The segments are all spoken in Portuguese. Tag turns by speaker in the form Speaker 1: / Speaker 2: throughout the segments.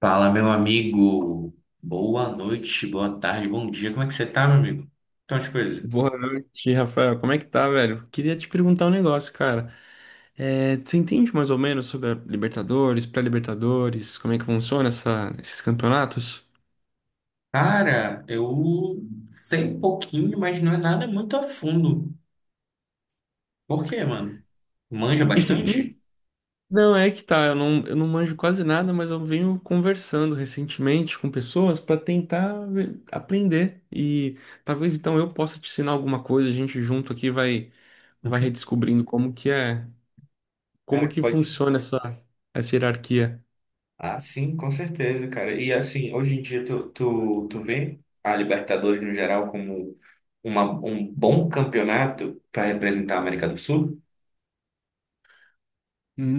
Speaker 1: Fala, meu amigo. Boa noite, boa tarde, bom dia. Como é que você tá, meu amigo? Então, as coisas.
Speaker 2: Boa noite, Rafael. Como é que tá, velho? Queria te perguntar um negócio, cara. É, você entende mais ou menos sobre a Libertadores, pré-Libertadores, como é que funciona esses campeonatos?
Speaker 1: Cara, eu sei um pouquinho, mas não é nada muito a fundo. Por quê, mano? Manja
Speaker 2: E, hum,
Speaker 1: bastante?
Speaker 2: não, é que tá, eu não manjo quase nada, mas eu venho conversando recentemente com pessoas para tentar aprender. E talvez então eu possa te ensinar alguma coisa, a gente junto aqui vai redescobrindo como
Speaker 1: Cara,
Speaker 2: que
Speaker 1: pode.
Speaker 2: funciona essa hierarquia.
Speaker 1: Ah, sim, com certeza, cara. E assim, hoje em dia tu vê a Libertadores no geral como um bom campeonato para representar a América do Sul?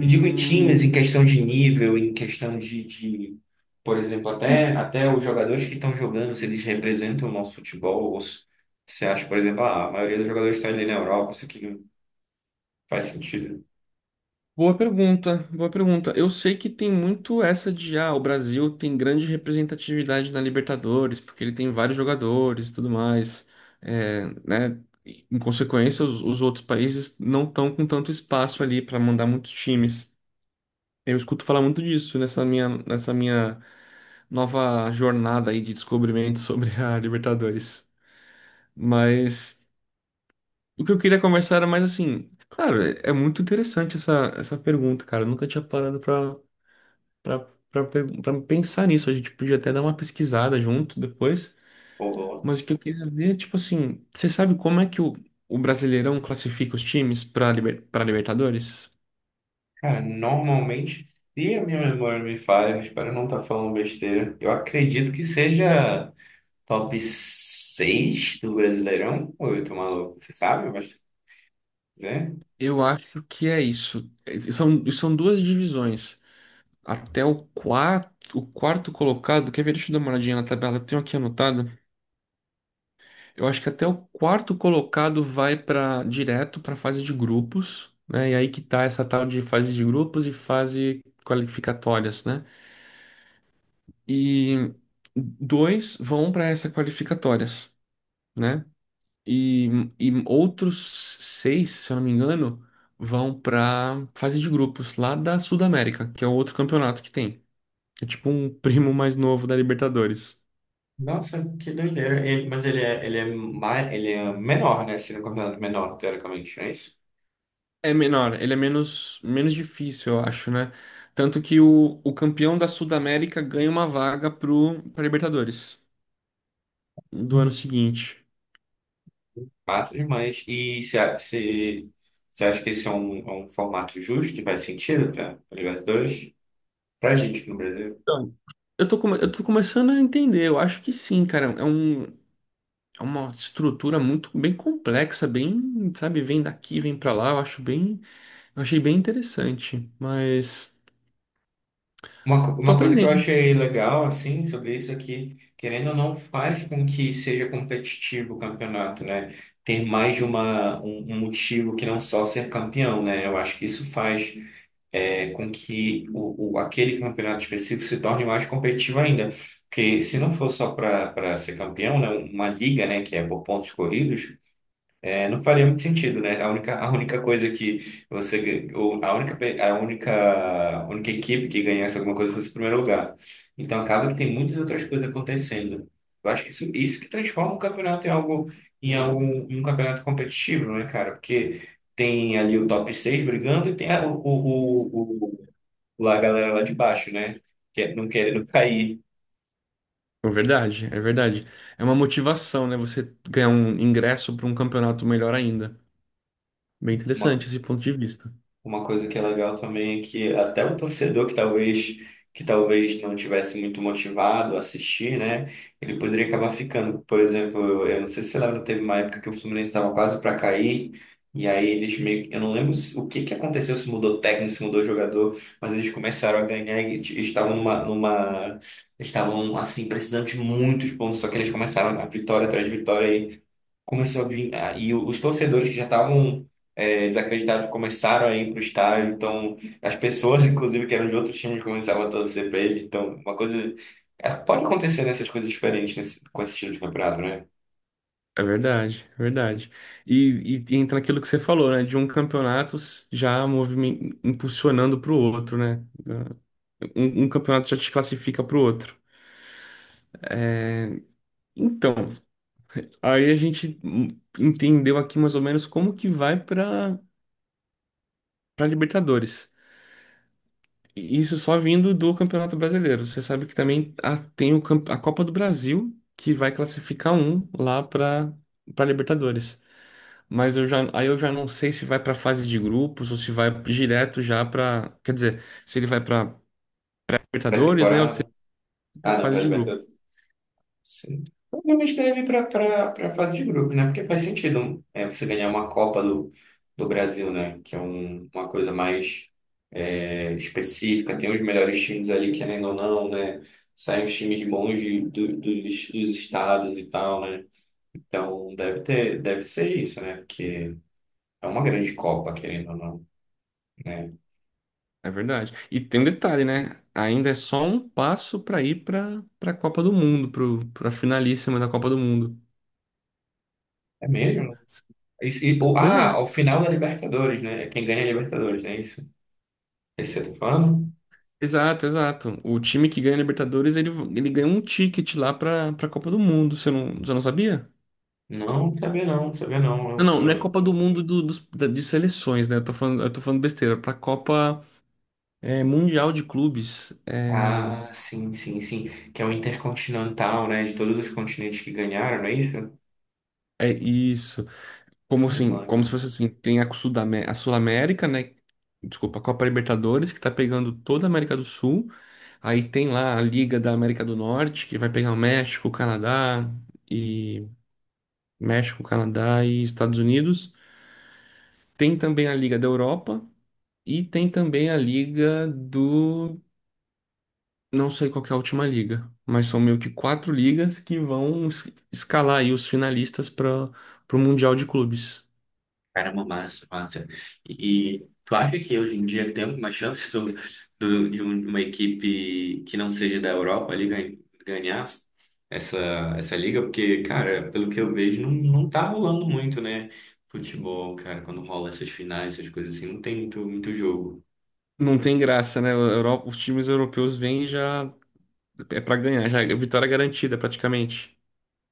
Speaker 1: Eu digo em times, em questão de nível, em questão de, por exemplo, até os jogadores que estão jogando, se eles representam o nosso futebol, ou se você acha, por exemplo, ah, a maioria dos jogadores está ali na Europa, isso aqui não faz sentido.
Speaker 2: Boa pergunta, boa pergunta. Eu sei que tem muito essa de, ah, o Brasil tem grande representatividade na Libertadores, porque ele tem vários jogadores e tudo mais, é, né? E em consequência, os outros países não estão com tanto espaço ali para mandar muitos times. Eu escuto falar muito disso nessa minha nova jornada aí de descobrimento sobre a Libertadores. Mas o que eu queria conversar era mais assim, claro, é muito interessante essa pergunta, cara. Eu nunca tinha parado pra para para pensar nisso, a gente podia até dar uma pesquisada junto depois,
Speaker 1: Ou, ou-
Speaker 2: mas o que eu queria ver, tipo assim, você sabe como é que o Brasileirão classifica os times para para Libertadores?
Speaker 1: Cara, normalmente, se a minha memória me falha, eu espero não estar falando besteira, eu acredito que seja top 6 do Brasileirão, ou eu tô maluco, você sabe, mas... né?
Speaker 2: Eu acho que é isso. São duas divisões. Até o quarto colocado, quer ver? Deixa eu dar uma olhadinha na tabela, eu tenho aqui anotado. Eu acho que até o quarto colocado vai para direto para fase de grupos, né? E aí que tá essa tal de fase de grupos e fase qualificatórias, né? E dois vão para essas qualificatórias, né? E, e outros seis, se eu não me engano, vão para fase de grupos lá da Sudamérica, que é o outro campeonato que tem. É tipo um primo mais novo da Libertadores.
Speaker 1: Nossa, que doideira. Mas ele é menor, né? Se não considerado menor, teoricamente, não é isso?
Speaker 2: É menor, ele é menos, menos difícil, eu acho, né? Tanto que o campeão da Sudamérica ganha uma vaga pra Libertadores do ano seguinte.
Speaker 1: Massa demais. E você acha que esse é é um formato justo que faz sentido para Libertadores? Pra gente no Brasil.
Speaker 2: Então, eu tô começando a entender, eu acho que sim, cara. É uma estrutura muito bem complexa, bem, sabe, vem daqui, vem pra lá. Eu achei bem interessante, mas tô
Speaker 1: Uma coisa que eu
Speaker 2: aprendendo.
Speaker 1: achei legal, assim, sobre isso é que, querendo ou não, faz com que seja competitivo o campeonato, né? Ter mais de um motivo que não só ser campeão, né? Eu acho que isso faz. É com que aquele campeonato específico se torne mais competitivo ainda. Porque se não for só para ser campeão, né, uma liga, né, que é por pontos corridos, é, não faria muito sentido, né? A única coisa que você, gan- ou a única, pe- a única equipe que ganhasse alguma coisa fosse o primeiro lugar. Então acaba que tem muitas outras coisas acontecendo. Eu acho que isso que transforma o campeonato em em um campeonato competitivo, né, cara? Porque tem ali o top 6 brigando e tem o, lá a galera lá de baixo, né? Não querendo cair.
Speaker 2: É verdade, é verdade. É uma motivação, né? Você ganhar um ingresso para um campeonato melhor ainda. Bem
Speaker 1: Uma,
Speaker 2: interessante esse ponto de vista.
Speaker 1: uma coisa que é legal também é que até o torcedor que talvez não tivesse muito motivado a assistir, né? Ele poderia acabar ficando. Por exemplo, eu não sei se você lembra, teve uma época que o Fluminense estava quase para cair. E aí eles meio que, eu não lembro o que que aconteceu, se mudou técnico, se mudou jogador, mas eles começaram a ganhar e estavam assim precisando de muitos pontos, só que eles começaram a vitória atrás de vitória. Começou a vir, ah, e os torcedores que já estavam, é, desacreditados, começaram a ir para o estádio, então as pessoas, inclusive, que eram de outros times, começavam a torcer para eles, então uma coisa... Pode acontecer nessas coisas diferentes nesse, com esse estilo de campeonato, né?
Speaker 2: É verdade, é verdade. Entra naquilo que você falou, né? De um campeonato já impulsionando para o outro, né? Ah, um campeonato já te classifica para o outro. Então, aí a gente entendeu aqui mais ou menos como que vai para para Libertadores. E isso só vindo do Campeonato Brasileiro. Você sabe que também tem o a Copa do Brasil que vai classificar um lá para para Libertadores. Mas aí eu já não sei se vai para fase de grupos ou se vai direto já para, quer dizer, se ele vai para Libertadores, né, ou se
Speaker 1: Pré-temporada...
Speaker 2: para
Speaker 1: Ah, não,
Speaker 2: fase de grupos.
Speaker 1: pré-libertadores. Sim. Provavelmente deve ir para a fase de grupo, né? Porque faz sentido você ganhar uma Copa do Brasil, né? Que é uma coisa mais, é, específica. Tem os melhores times ali, querendo ou não, né? Saem os times bons dos estados e tal, né? Então deve ter, deve ser isso, né? Porque é uma grande Copa, querendo ou não, né?
Speaker 2: É verdade. E tem um detalhe, né? Ainda é só um passo para ir para para a Copa do Mundo, para a finalíssima da Copa do Mundo.
Speaker 1: É mesmo?
Speaker 2: Pois
Speaker 1: Ah, o
Speaker 2: é.
Speaker 1: final da Libertadores, né? É quem ganha a Libertadores, não é isso? Esse você tá falando?
Speaker 2: Exato, exato. O time que ganha a Libertadores, ele ganha um ticket lá para para a Copa do Mundo. Você não sabia?
Speaker 1: Não, sabia não, sabia não.
Speaker 2: Não, não, não é Copa do Mundo de seleções, né? Eu tô falando besteira. Para Copa Mundial de Clubes. É,
Speaker 1: Ah, sim, sim, sim. Que é o Intercontinental, né? De todos os continentes que ganharam, não é isso?
Speaker 2: é isso. Como
Speaker 1: Caramba,
Speaker 2: assim? Como se
Speaker 1: legal.
Speaker 2: fosse assim, tem a a Sul-América, né? Desculpa, a Copa Libertadores, que tá pegando toda a América do Sul. Aí tem lá a Liga da América do Norte, que vai pegar o México, o Canadá e Estados Unidos. Tem também a Liga da Europa e tem também a Liga do não sei qual que é a última liga, mas são meio que quatro ligas que vão escalar aí os finalistas para o Mundial de Clubes.
Speaker 1: Caramba, massa, massa. E tu acha que hoje em dia tem alguma chance uma equipe que não seja da Europa ali ganhar essa, essa liga? Porque, cara, pelo que eu vejo, não tá rolando muito, né? Futebol, cara, quando rola essas finais, essas coisas assim, não tem muito jogo.
Speaker 2: Não tem graça, né? Os times europeus vêm e já é pra ganhar, já é vitória garantida praticamente.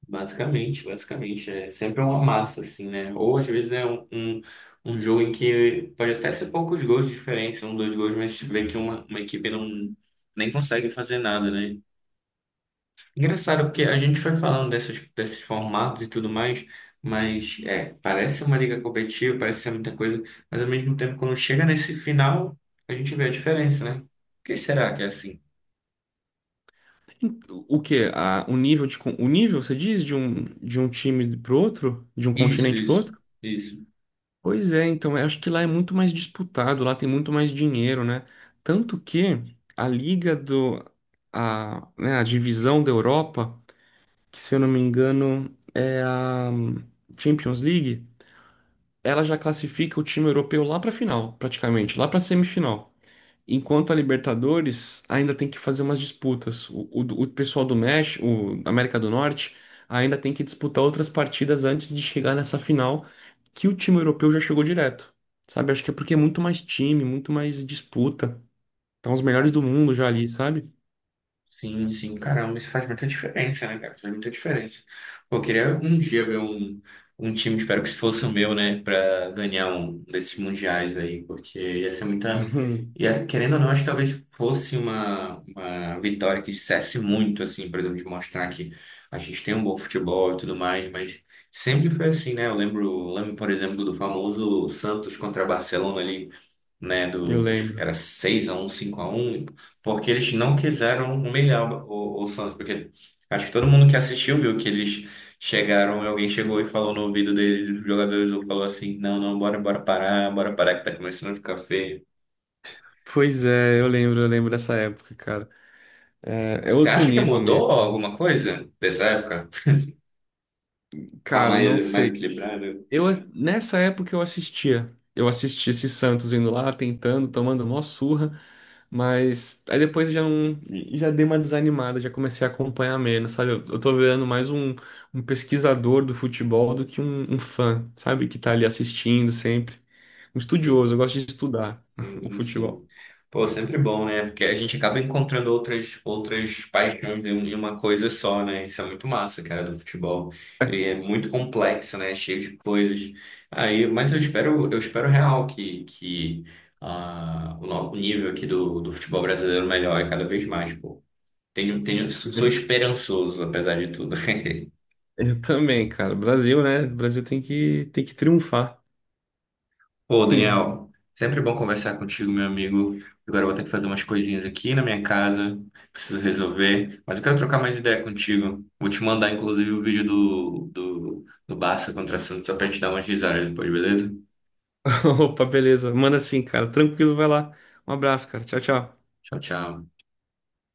Speaker 1: Basicamente, basicamente. É sempre uma massa, assim, né? Ou às vezes é um jogo em que pode até ser poucos gols de diferença, um, dois gols, mas vê que uma equipe não nem consegue fazer nada, né? Engraçado, porque a gente foi falando desses formatos e tudo mais, mas é, parece uma liga competitiva, parece ser muita coisa, mas ao mesmo tempo, quando chega nesse final, a gente vê a diferença, né? Por que será que é assim?
Speaker 2: O que? O nível o nível, você diz, de de um time pro outro, de um
Speaker 1: Isso,
Speaker 2: continente pro
Speaker 1: isso,
Speaker 2: outro?
Speaker 1: isso.
Speaker 2: Pois é, então eu acho que lá é muito mais disputado, lá tem muito mais dinheiro, né? Tanto que a liga do a, né, a divisão da Europa, que se eu não me engano é a Champions League, ela já classifica o time europeu lá pra final, praticamente, lá pra semifinal. Enquanto a Libertadores ainda tem que fazer umas disputas. O pessoal do México, o da América do Norte, ainda tem que disputar outras partidas antes de chegar nessa final, que o time europeu já chegou direto. Sabe? Acho que é porque é muito mais time, muito mais disputa. Estão os melhores do mundo já ali, sabe?
Speaker 1: Sim, sim, caramba, isso faz muita diferença, né, cara? Faz muita diferença. Pô, eu queria um dia ver um time, espero que se fosse o meu, né, pra ganhar um desses mundiais aí, porque ia ser muita. Ia, querendo ou não, acho que talvez fosse uma vitória que dissesse muito, assim, por exemplo, de mostrar que a gente tem um bom futebol e tudo mais, mas sempre foi assim, né? Eu lembro, por exemplo, do famoso Santos contra Barcelona ali, né,
Speaker 2: Eu
Speaker 1: do, acho que
Speaker 2: lembro.
Speaker 1: era seis a um, cinco a um, porque eles não quiseram humilhar o Santos, porque acho que todo mundo que assistiu viu que eles chegaram, alguém chegou e falou no ouvido deles, os jogadores, falou assim, não, não, bora, bora parar que tá começando a ficar feio.
Speaker 2: Pois é, eu lembro dessa época, cara. É, é
Speaker 1: Você
Speaker 2: outro
Speaker 1: acha que
Speaker 2: nível
Speaker 1: mudou
Speaker 2: mesmo.
Speaker 1: alguma coisa dessa época? Tá
Speaker 2: Cara, não
Speaker 1: mais, mais
Speaker 2: sei.
Speaker 1: equilibrado?
Speaker 2: Nessa época eu assistia. Eu assistia esse Santos indo lá, tentando, tomando mó surra, mas aí depois eu já não, já dei uma desanimada, já comecei a acompanhar menos, sabe? Eu tô virando mais um pesquisador do futebol do que um fã, sabe? Que tá ali assistindo sempre. Um
Speaker 1: Sim.
Speaker 2: estudioso, eu gosto de estudar o
Speaker 1: Sim,
Speaker 2: futebol.
Speaker 1: sim. Pô, sempre bom, né? Porque a gente acaba encontrando outras paixões em em uma coisa só, né? Isso é muito massa, cara, do futebol. E é muito complexo, né? Cheio de coisas. Aí, mas eu espero real que, ah, o no- o nível aqui do futebol brasileiro melhore cada vez mais, pô. Tenho, tenho, sou esperançoso, apesar de tudo.
Speaker 2: Eu também, cara. Brasil, né? Brasil tem tem que triunfar.
Speaker 1: Ô, Daniel, sempre bom conversar contigo, meu amigo. Agora eu vou ter que fazer umas coisinhas aqui na minha casa, preciso resolver, mas eu quero trocar mais ideia contigo. Vou te mandar, inclusive, o vídeo do Barça contra Santos só pra gente dar umas risadas depois, beleza?
Speaker 2: Opa, beleza. Manda assim, cara. Tranquilo, vai lá. Um abraço, cara. Tchau, tchau.
Speaker 1: Tchau, tchau.